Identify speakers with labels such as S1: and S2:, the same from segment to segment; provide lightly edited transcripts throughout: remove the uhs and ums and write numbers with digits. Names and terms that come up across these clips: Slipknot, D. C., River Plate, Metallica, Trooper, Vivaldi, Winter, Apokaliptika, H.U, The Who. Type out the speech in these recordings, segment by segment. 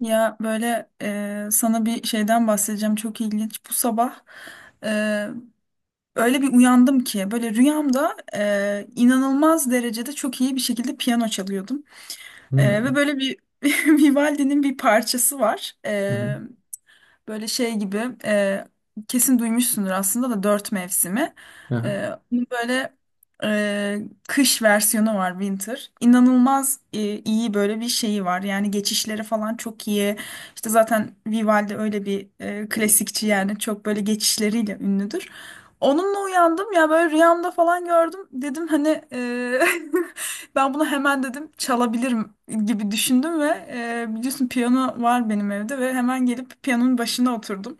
S1: Ya böyle sana bir şeyden bahsedeceğim, çok ilginç. Bu sabah e, öyle bir uyandım ki, böyle rüyamda inanılmaz derecede çok iyi bir şekilde piyano çalıyordum.
S2: Hı
S1: E,
S2: hı.
S1: ve böyle bir Vivaldi'nin bir parçası var.
S2: Hı hı.
S1: Böyle şey gibi, kesin duymuşsundur aslında da, dört mevsimi.
S2: Aha.
S1: Bunun böyle e, kış versiyonu var, Winter. İnanılmaz iyi böyle bir şeyi var. Yani geçişleri falan çok iyi. İşte zaten Vivaldi öyle bir klasikçi, yani çok böyle geçişleriyle ünlüdür. Onunla uyandım ya, böyle rüyamda falan gördüm. Dedim hani, ben bunu hemen dedim çalabilirim gibi düşündüm ve biliyorsun piyano var benim evde, ve hemen gelip piyanonun başına oturdum.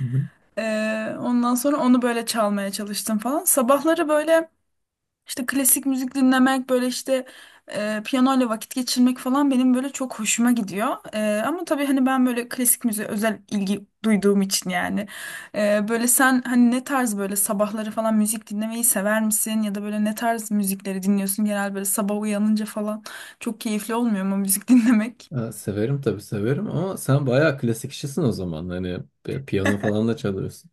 S2: Hı hı.
S1: E, Ondan sonra onu böyle çalmaya çalıştım falan. Sabahları böyle işte klasik müzik dinlemek, böyle işte piyanoyla vakit geçirmek falan benim böyle çok hoşuma gidiyor. Ama tabii hani ben böyle klasik müziğe özel ilgi duyduğum için yani. Böyle sen hani ne tarz böyle sabahları falan müzik dinlemeyi sever misin? Ya da böyle ne tarz müzikleri dinliyorsun? Genel böyle sabah uyanınca falan çok keyifli olmuyor mu müzik dinlemek?
S2: Ha, severim tabii severim ama sen bayağı klasik işçisin o zaman. Hani piyano falan da çalıyorsun.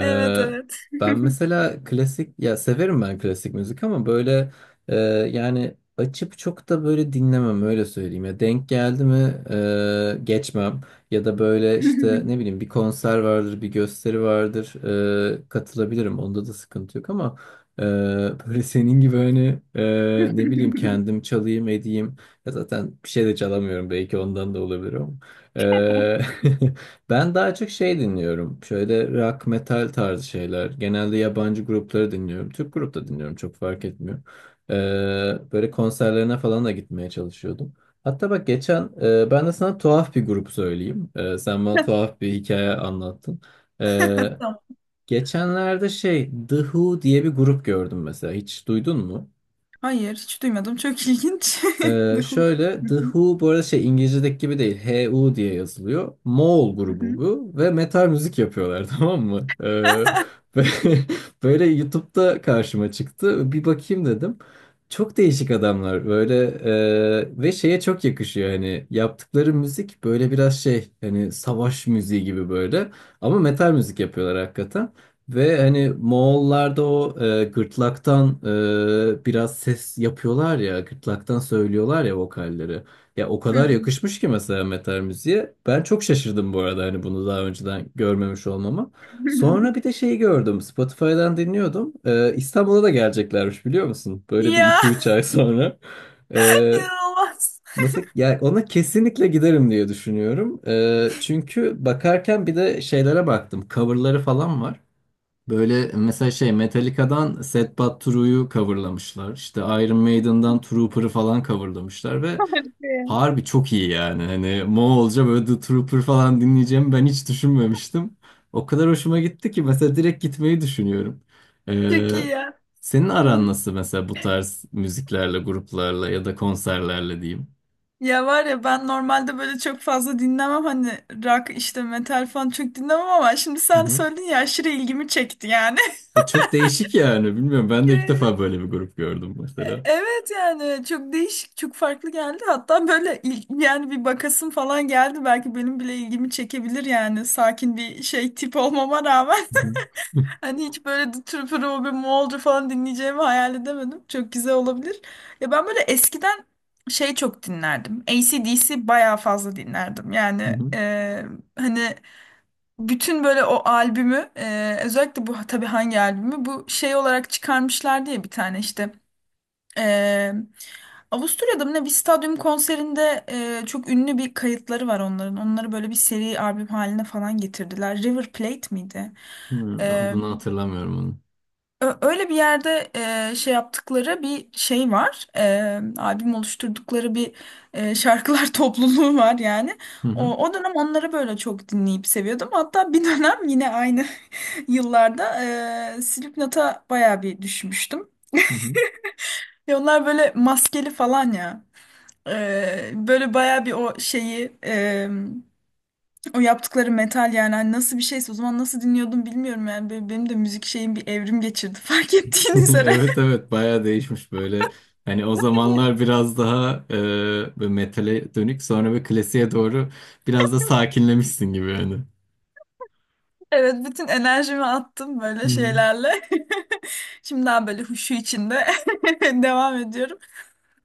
S1: Evet, evet.
S2: ben mesela klasik ya severim ben klasik müzik ama böyle e, yani açıp çok da böyle dinlemem öyle söyleyeyim. Ya denk geldi mi geçmem ya da böyle işte ne bileyim bir konser vardır bir gösteri vardır katılabilirim. Onda da sıkıntı yok ama e, böyle senin gibi hani ne bileyim kendim çalayım edeyim. Ya zaten bir şey de çalamıyorum belki ondan da olabilir ama. Ee, ben daha çok şey dinliyorum. Şöyle rock, metal tarzı şeyler. Genelde yabancı grupları dinliyorum. Türk grup da dinliyorum çok fark etmiyor. Ee, böyle konserlerine falan da gitmeye çalışıyordum. Hatta bak geçen ben de sana tuhaf bir grup söyleyeyim. Sen bana tuhaf bir hikaye anlattın. Ee,
S1: Tamam.
S2: geçenlerde şey The Who diye bir grup gördüm mesela. Hiç duydun mu?
S1: Hayır, hiç duymadım, çok ilginç. Hı hı.
S2: Şöyle The Who bu arada şey İngilizce'deki gibi değil. H.U diye yazılıyor. Moğol grubu bu ve metal müzik yapıyorlar tamam mı? Ve böyle YouTube'da karşıma çıktı. Bir bakayım dedim. Çok değişik adamlar böyle ve şeye çok yakışıyor hani yaptıkları müzik böyle biraz şey hani savaş müziği gibi böyle ama metal müzik yapıyorlar hakikaten. Ve hani Moğollarda o gırtlaktan biraz ses yapıyorlar ya, gırtlaktan söylüyorlar ya vokalleri. Ya o
S1: Hı
S2: kadar yakışmış ki mesela metal müziğe. Ben çok şaşırdım bu arada hani bunu daha önceden görmemiş olmama.
S1: hı.
S2: Sonra bir de şeyi gördüm, Spotify'dan dinliyordum. E, İstanbul'a da geleceklermiş biliyor musun? Böyle bir
S1: Ya,
S2: iki üç ay sonra. E,
S1: inanılmaz.
S2: Mesela yani ona kesinlikle giderim diye düşünüyorum. Çünkü bakarken bir de şeylere baktım. Coverları falan var. Böyle mesela şey Metallica'dan Sad But True'yu coverlamışlar. İşte Iron Maiden'dan Trooper'ı falan coverlamışlar ve
S1: Harika ya.
S2: harbi çok iyi yani. Hani Moğolca böyle The Trooper falan dinleyeceğimi ben hiç düşünmemiştim. O kadar hoşuma gitti ki mesela direkt gitmeyi düşünüyorum.
S1: Çok iyi
S2: Ee,
S1: ya.
S2: senin aran
S1: Hı.
S2: nasıl mesela bu tarz müziklerle, gruplarla ya da konserlerle diyeyim?
S1: Ya var ya, ben normalde böyle çok fazla dinlemem hani, rock işte metal falan çok dinlemem, ama şimdi
S2: Hı
S1: sen
S2: hı.
S1: söyledin ya, aşırı ilgimi çekti yani.
S2: Ve çok değişik yani bilmiyorum ben de ilk defa böyle bir grup gördüm
S1: E-
S2: mesela.
S1: Evet yani, çok değişik, çok farklı geldi, hatta böyle yani bir bakasım falan geldi, belki benim bile ilgimi çekebilir yani, sakin bir şey tip olmama rağmen.
S2: Hı hı.
S1: Hani hiç böyle tür pürü bir Moğolca falan dinleyeceğimi hayal edemedim. Çok güzel olabilir. Ya ben böyle eskiden şey çok dinlerdim. DC bayağı fazla dinlerdim.
S2: Hı
S1: Yani,
S2: hı.
S1: hani bütün böyle o albümü, özellikle bu tabii hangi albümü bu şey olarak çıkarmışlar diye bir tane işte, e, Avusturya'da mı ne bir stadyum konserinde çok ünlü bir kayıtları var onların. Onları böyle bir seri albüm haline falan getirdiler. River Plate miydi?
S2: Hı, adını hatırlamıyorum.
S1: Öyle bir yerde şey yaptıkları bir şey var. Albüm oluşturdukları bir şarkılar topluluğu var yani.
S2: Hı hı,
S1: O, o dönem onları böyle çok dinleyip seviyordum. Hatta bir dönem yine aynı yıllarda Slipknot'a bayağı bir düşmüştüm.
S2: hı hı.
S1: Ve onlar böyle maskeli falan ya. Böyle bayağı bir o şeyi, o yaptıkları metal, yani hani nasıl bir şeyse, o zaman nasıl dinliyordum bilmiyorum yani. Böyle benim de müzik şeyim bir evrim geçirdi, fark ettiğiniz üzere.
S2: Evet evet bayağı değişmiş böyle. Hani o zamanlar biraz daha böyle metale dönük sonra bir klasiğe doğru biraz da sakinlemişsin gibi yani.
S1: Evet, bütün enerjimi attım
S2: Hı
S1: böyle
S2: hı,
S1: şeylerle. Şimdi daha böyle huşu içinde devam ediyorum.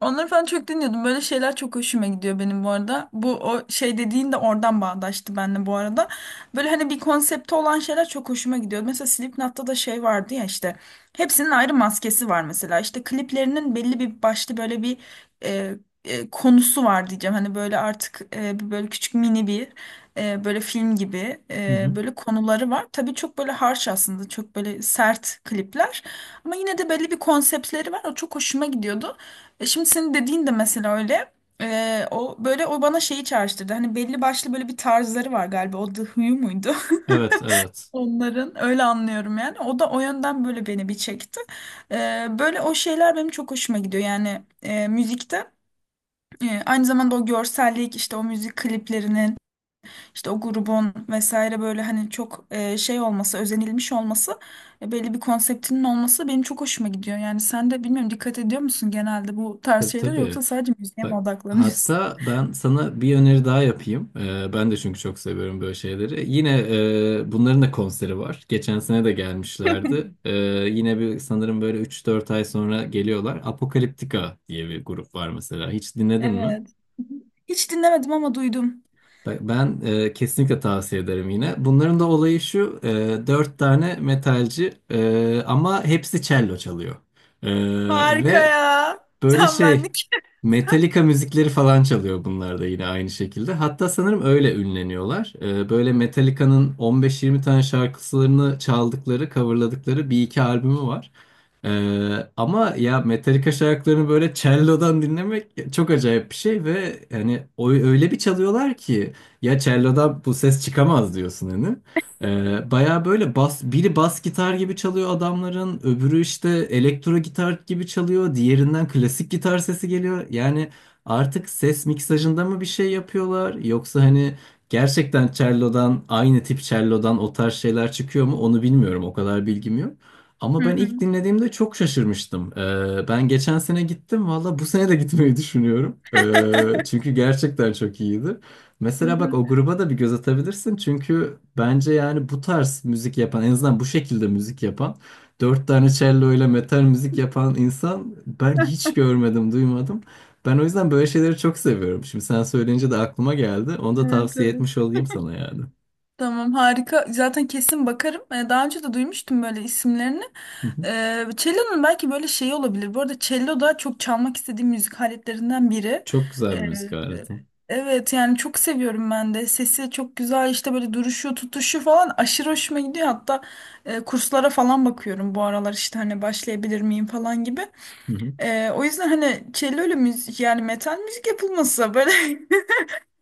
S1: Onları falan çok dinliyordum. Böyle şeyler çok hoşuma gidiyor benim, bu arada. Bu o şey dediğin de oradan bağdaştı benimle, bu arada. Böyle hani bir konsepti olan şeyler çok hoşuma gidiyor. Mesela Slipknot'ta da şey vardı ya işte. Hepsinin ayrı maskesi var mesela. İşte kliplerinin belli bir başlı böyle bir e, konusu var diyeceğim. Hani böyle artık bir böyle küçük mini bir böyle film gibi
S2: hı hı.
S1: böyle konuları var. Tabii çok böyle harsh, aslında çok böyle sert klipler, ama yine de belli bir konseptleri var. O çok hoşuma gidiyordu. Şimdi senin dediğin de mesela öyle. O böyle o bana şeyi çağrıştırdı. Hani belli başlı böyle bir tarzları var galiba. O The Who muydu?
S2: Evet evet.
S1: Onların öyle anlıyorum yani. O da o yönden böyle beni bir çekti. Böyle o şeyler benim çok hoşuma gidiyor. Yani müzikte aynı zamanda o görsellik, işte o müzik kliplerinin, işte o grubun vesaire, böyle hani çok şey olması, özenilmiş olması, belli bir konseptinin olması benim çok hoşuma gidiyor. Yani sen de bilmiyorum, dikkat ediyor musun genelde bu tarz
S2: Tabii
S1: şeyler,
S2: tabii.
S1: yoksa sadece müziğe mi
S2: Bak,
S1: odaklanıyorsun?
S2: hatta ben sana bir öneri daha yapayım. Ben de çünkü çok seviyorum böyle şeyleri. Yine bunların da konseri var. Geçen sene de gelmişlerdi. Yine bir sanırım böyle üç dört ay sonra geliyorlar. Apokaliptika diye bir grup var mesela. Hiç dinledin mi?
S1: Evet. Hiç dinlemedim ama duydum.
S2: Bak, ben kesinlikle tavsiye ederim yine. Bunların da olayı şu, dört tane metalci ama hepsi cello çalıyor. E,
S1: Harika
S2: ve
S1: ya.
S2: böyle
S1: Tam
S2: şey
S1: benlik.
S2: Metallica müzikleri falan çalıyor bunlar da yine aynı şekilde. Hatta sanırım öyle ünleniyorlar. Böyle Metallica'nın 15-20 tane şarkılarını çaldıkları, coverladıkları bir iki albümü var. Ee, ama ya Metallica şarkılarını böyle cello'dan dinlemek çok acayip bir şey ve yani o öyle bir çalıyorlar ki ya cello'dan bu ses çıkamaz diyorsun hani. Baya böyle bas, biri bas gitar gibi çalıyor adamların, öbürü işte elektro gitar gibi çalıyor, diğerinden klasik gitar sesi geliyor. Yani artık ses miksajında mı bir şey yapıyorlar yoksa hani gerçekten cello'dan aynı tip cello'dan o tarz şeyler çıkıyor mu onu bilmiyorum o kadar bilgim yok. Ama
S1: Hı
S2: ben ilk
S1: hı.
S2: dinlediğimde çok şaşırmıştım. Ben geçen sene gittim valla bu sene de gitmeyi düşünüyorum. Çünkü gerçekten çok iyiydi.
S1: Hı
S2: Mesela bak
S1: hı.
S2: o gruba da bir göz atabilirsin. Çünkü bence yani bu tarz müzik yapan en azından bu şekilde müzik yapan dört tane cello ile metal müzik yapan insan ben hiç görmedim duymadım. Ben o yüzden böyle şeyleri çok seviyorum. Şimdi sen söyleyince de aklıma geldi. Onu da
S1: Evet,
S2: tavsiye
S1: evet.
S2: etmiş olayım sana yani.
S1: Tamam, harika. Zaten kesin bakarım. Daha önce de duymuştum böyle isimlerini.
S2: Hı hı.
S1: Cello'nun belki böyle şeyi olabilir. Bu arada cello da çok çalmak istediğim müzik aletlerinden biri.
S2: Çok güzel bir
S1: Ee,
S2: müzik aleti.
S1: evet yani çok seviyorum ben de. Sesi çok güzel, işte böyle duruşu, tutuşu falan aşırı hoşuma gidiyor. Hatta kurslara falan bakıyorum bu aralar, işte hani başlayabilir miyim falan gibi.
S2: Hı hı.
S1: O yüzden hani cello ile müzik, yani metal müzik yapılması böyle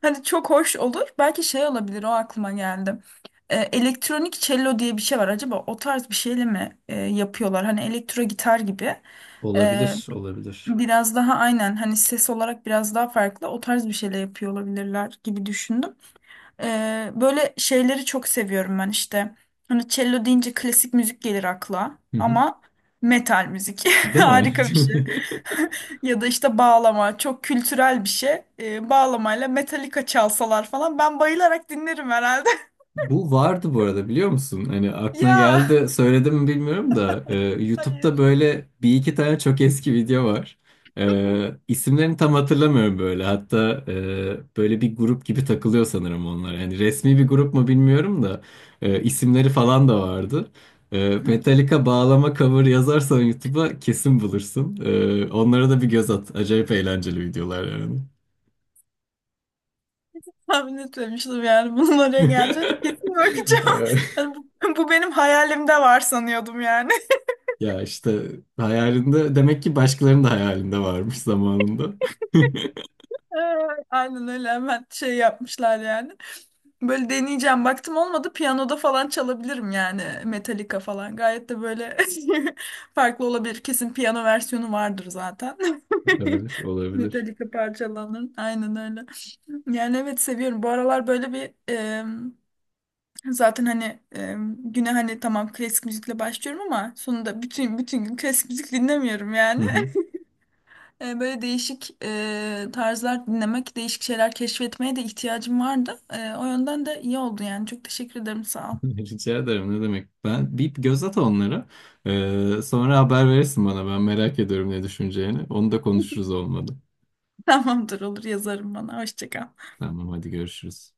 S1: hani çok hoş olur. Belki şey olabilir, o aklıma geldi. Elektronik cello diye bir şey var. Acaba o tarz bir şeyle mi yapıyorlar? Hani elektro gitar gibi. Ee,
S2: Olabilir, olabilir.
S1: Biraz daha aynen hani ses olarak biraz daha farklı, o tarz bir şeyle yapıyor olabilirler gibi düşündüm. Böyle şeyleri çok seviyorum ben işte. Hani cello deyince klasik müzik gelir akla,
S2: Hı hı.
S1: ama metal müzik
S2: Değil mi?
S1: harika bir şey. Ya da işte bağlama çok kültürel bir şey. Bağlamayla Metallica çalsalar falan ben bayılarak dinlerim herhalde.
S2: Bu vardı bu arada biliyor musun? Hani aklına
S1: Ya,
S2: geldi de söyledim mi bilmiyorum da YouTube'da
S1: hayır.
S2: böyle bir iki tane çok eski video var. İsimlerini tam hatırlamıyorum böyle. Hatta böyle bir grup gibi takılıyor sanırım onlar. Yani resmi bir grup mu bilmiyorum da isimleri falan da vardı.
S1: Hı,
S2: Metallica bağlama cover yazarsan YouTube'a kesin bulursun. E, onlara da bir göz at. Acayip eğlenceli videolar yani.
S1: tahmin etmemiştim yani bunun oraya geleceğini, kesin bakacağım. Yani bu, bu benim hayalimde var sanıyordum yani.
S2: Ya işte hayalinde demek ki başkalarının da hayalinde varmış zamanında.
S1: Ee, Aynen öyle, hemen şey yapmışlar yani. Böyle deneyeceğim. Baktım olmadı. Piyanoda falan çalabilirim yani. Metallica falan. Gayet de böyle farklı olabilir. Kesin piyano versiyonu vardır zaten.
S2: Olabilir, olabilir.
S1: Metallica parçalarının. Aynen öyle. Yani evet, seviyorum. Bu aralar böyle bir zaten hani güne hani, tamam, klasik müzikle başlıyorum ama sonunda bütün gün klasik müzik dinlemiyorum
S2: Hı
S1: yani.
S2: hı.
S1: Böyle değişik tarzlar dinlemek, değişik şeyler keşfetmeye de ihtiyacım vardı. O yönden de iyi oldu yani. Çok teşekkür ederim, sağ ol.
S2: Rica ederim ne demek. Ben bir göz at onlara. Sonra haber verirsin bana. Ben merak ediyorum ne düşüneceğini. Onu da konuşuruz olmadı.
S1: Tamamdır, olur, yazarım bana. Hoşça kal.
S2: Tamam hadi görüşürüz.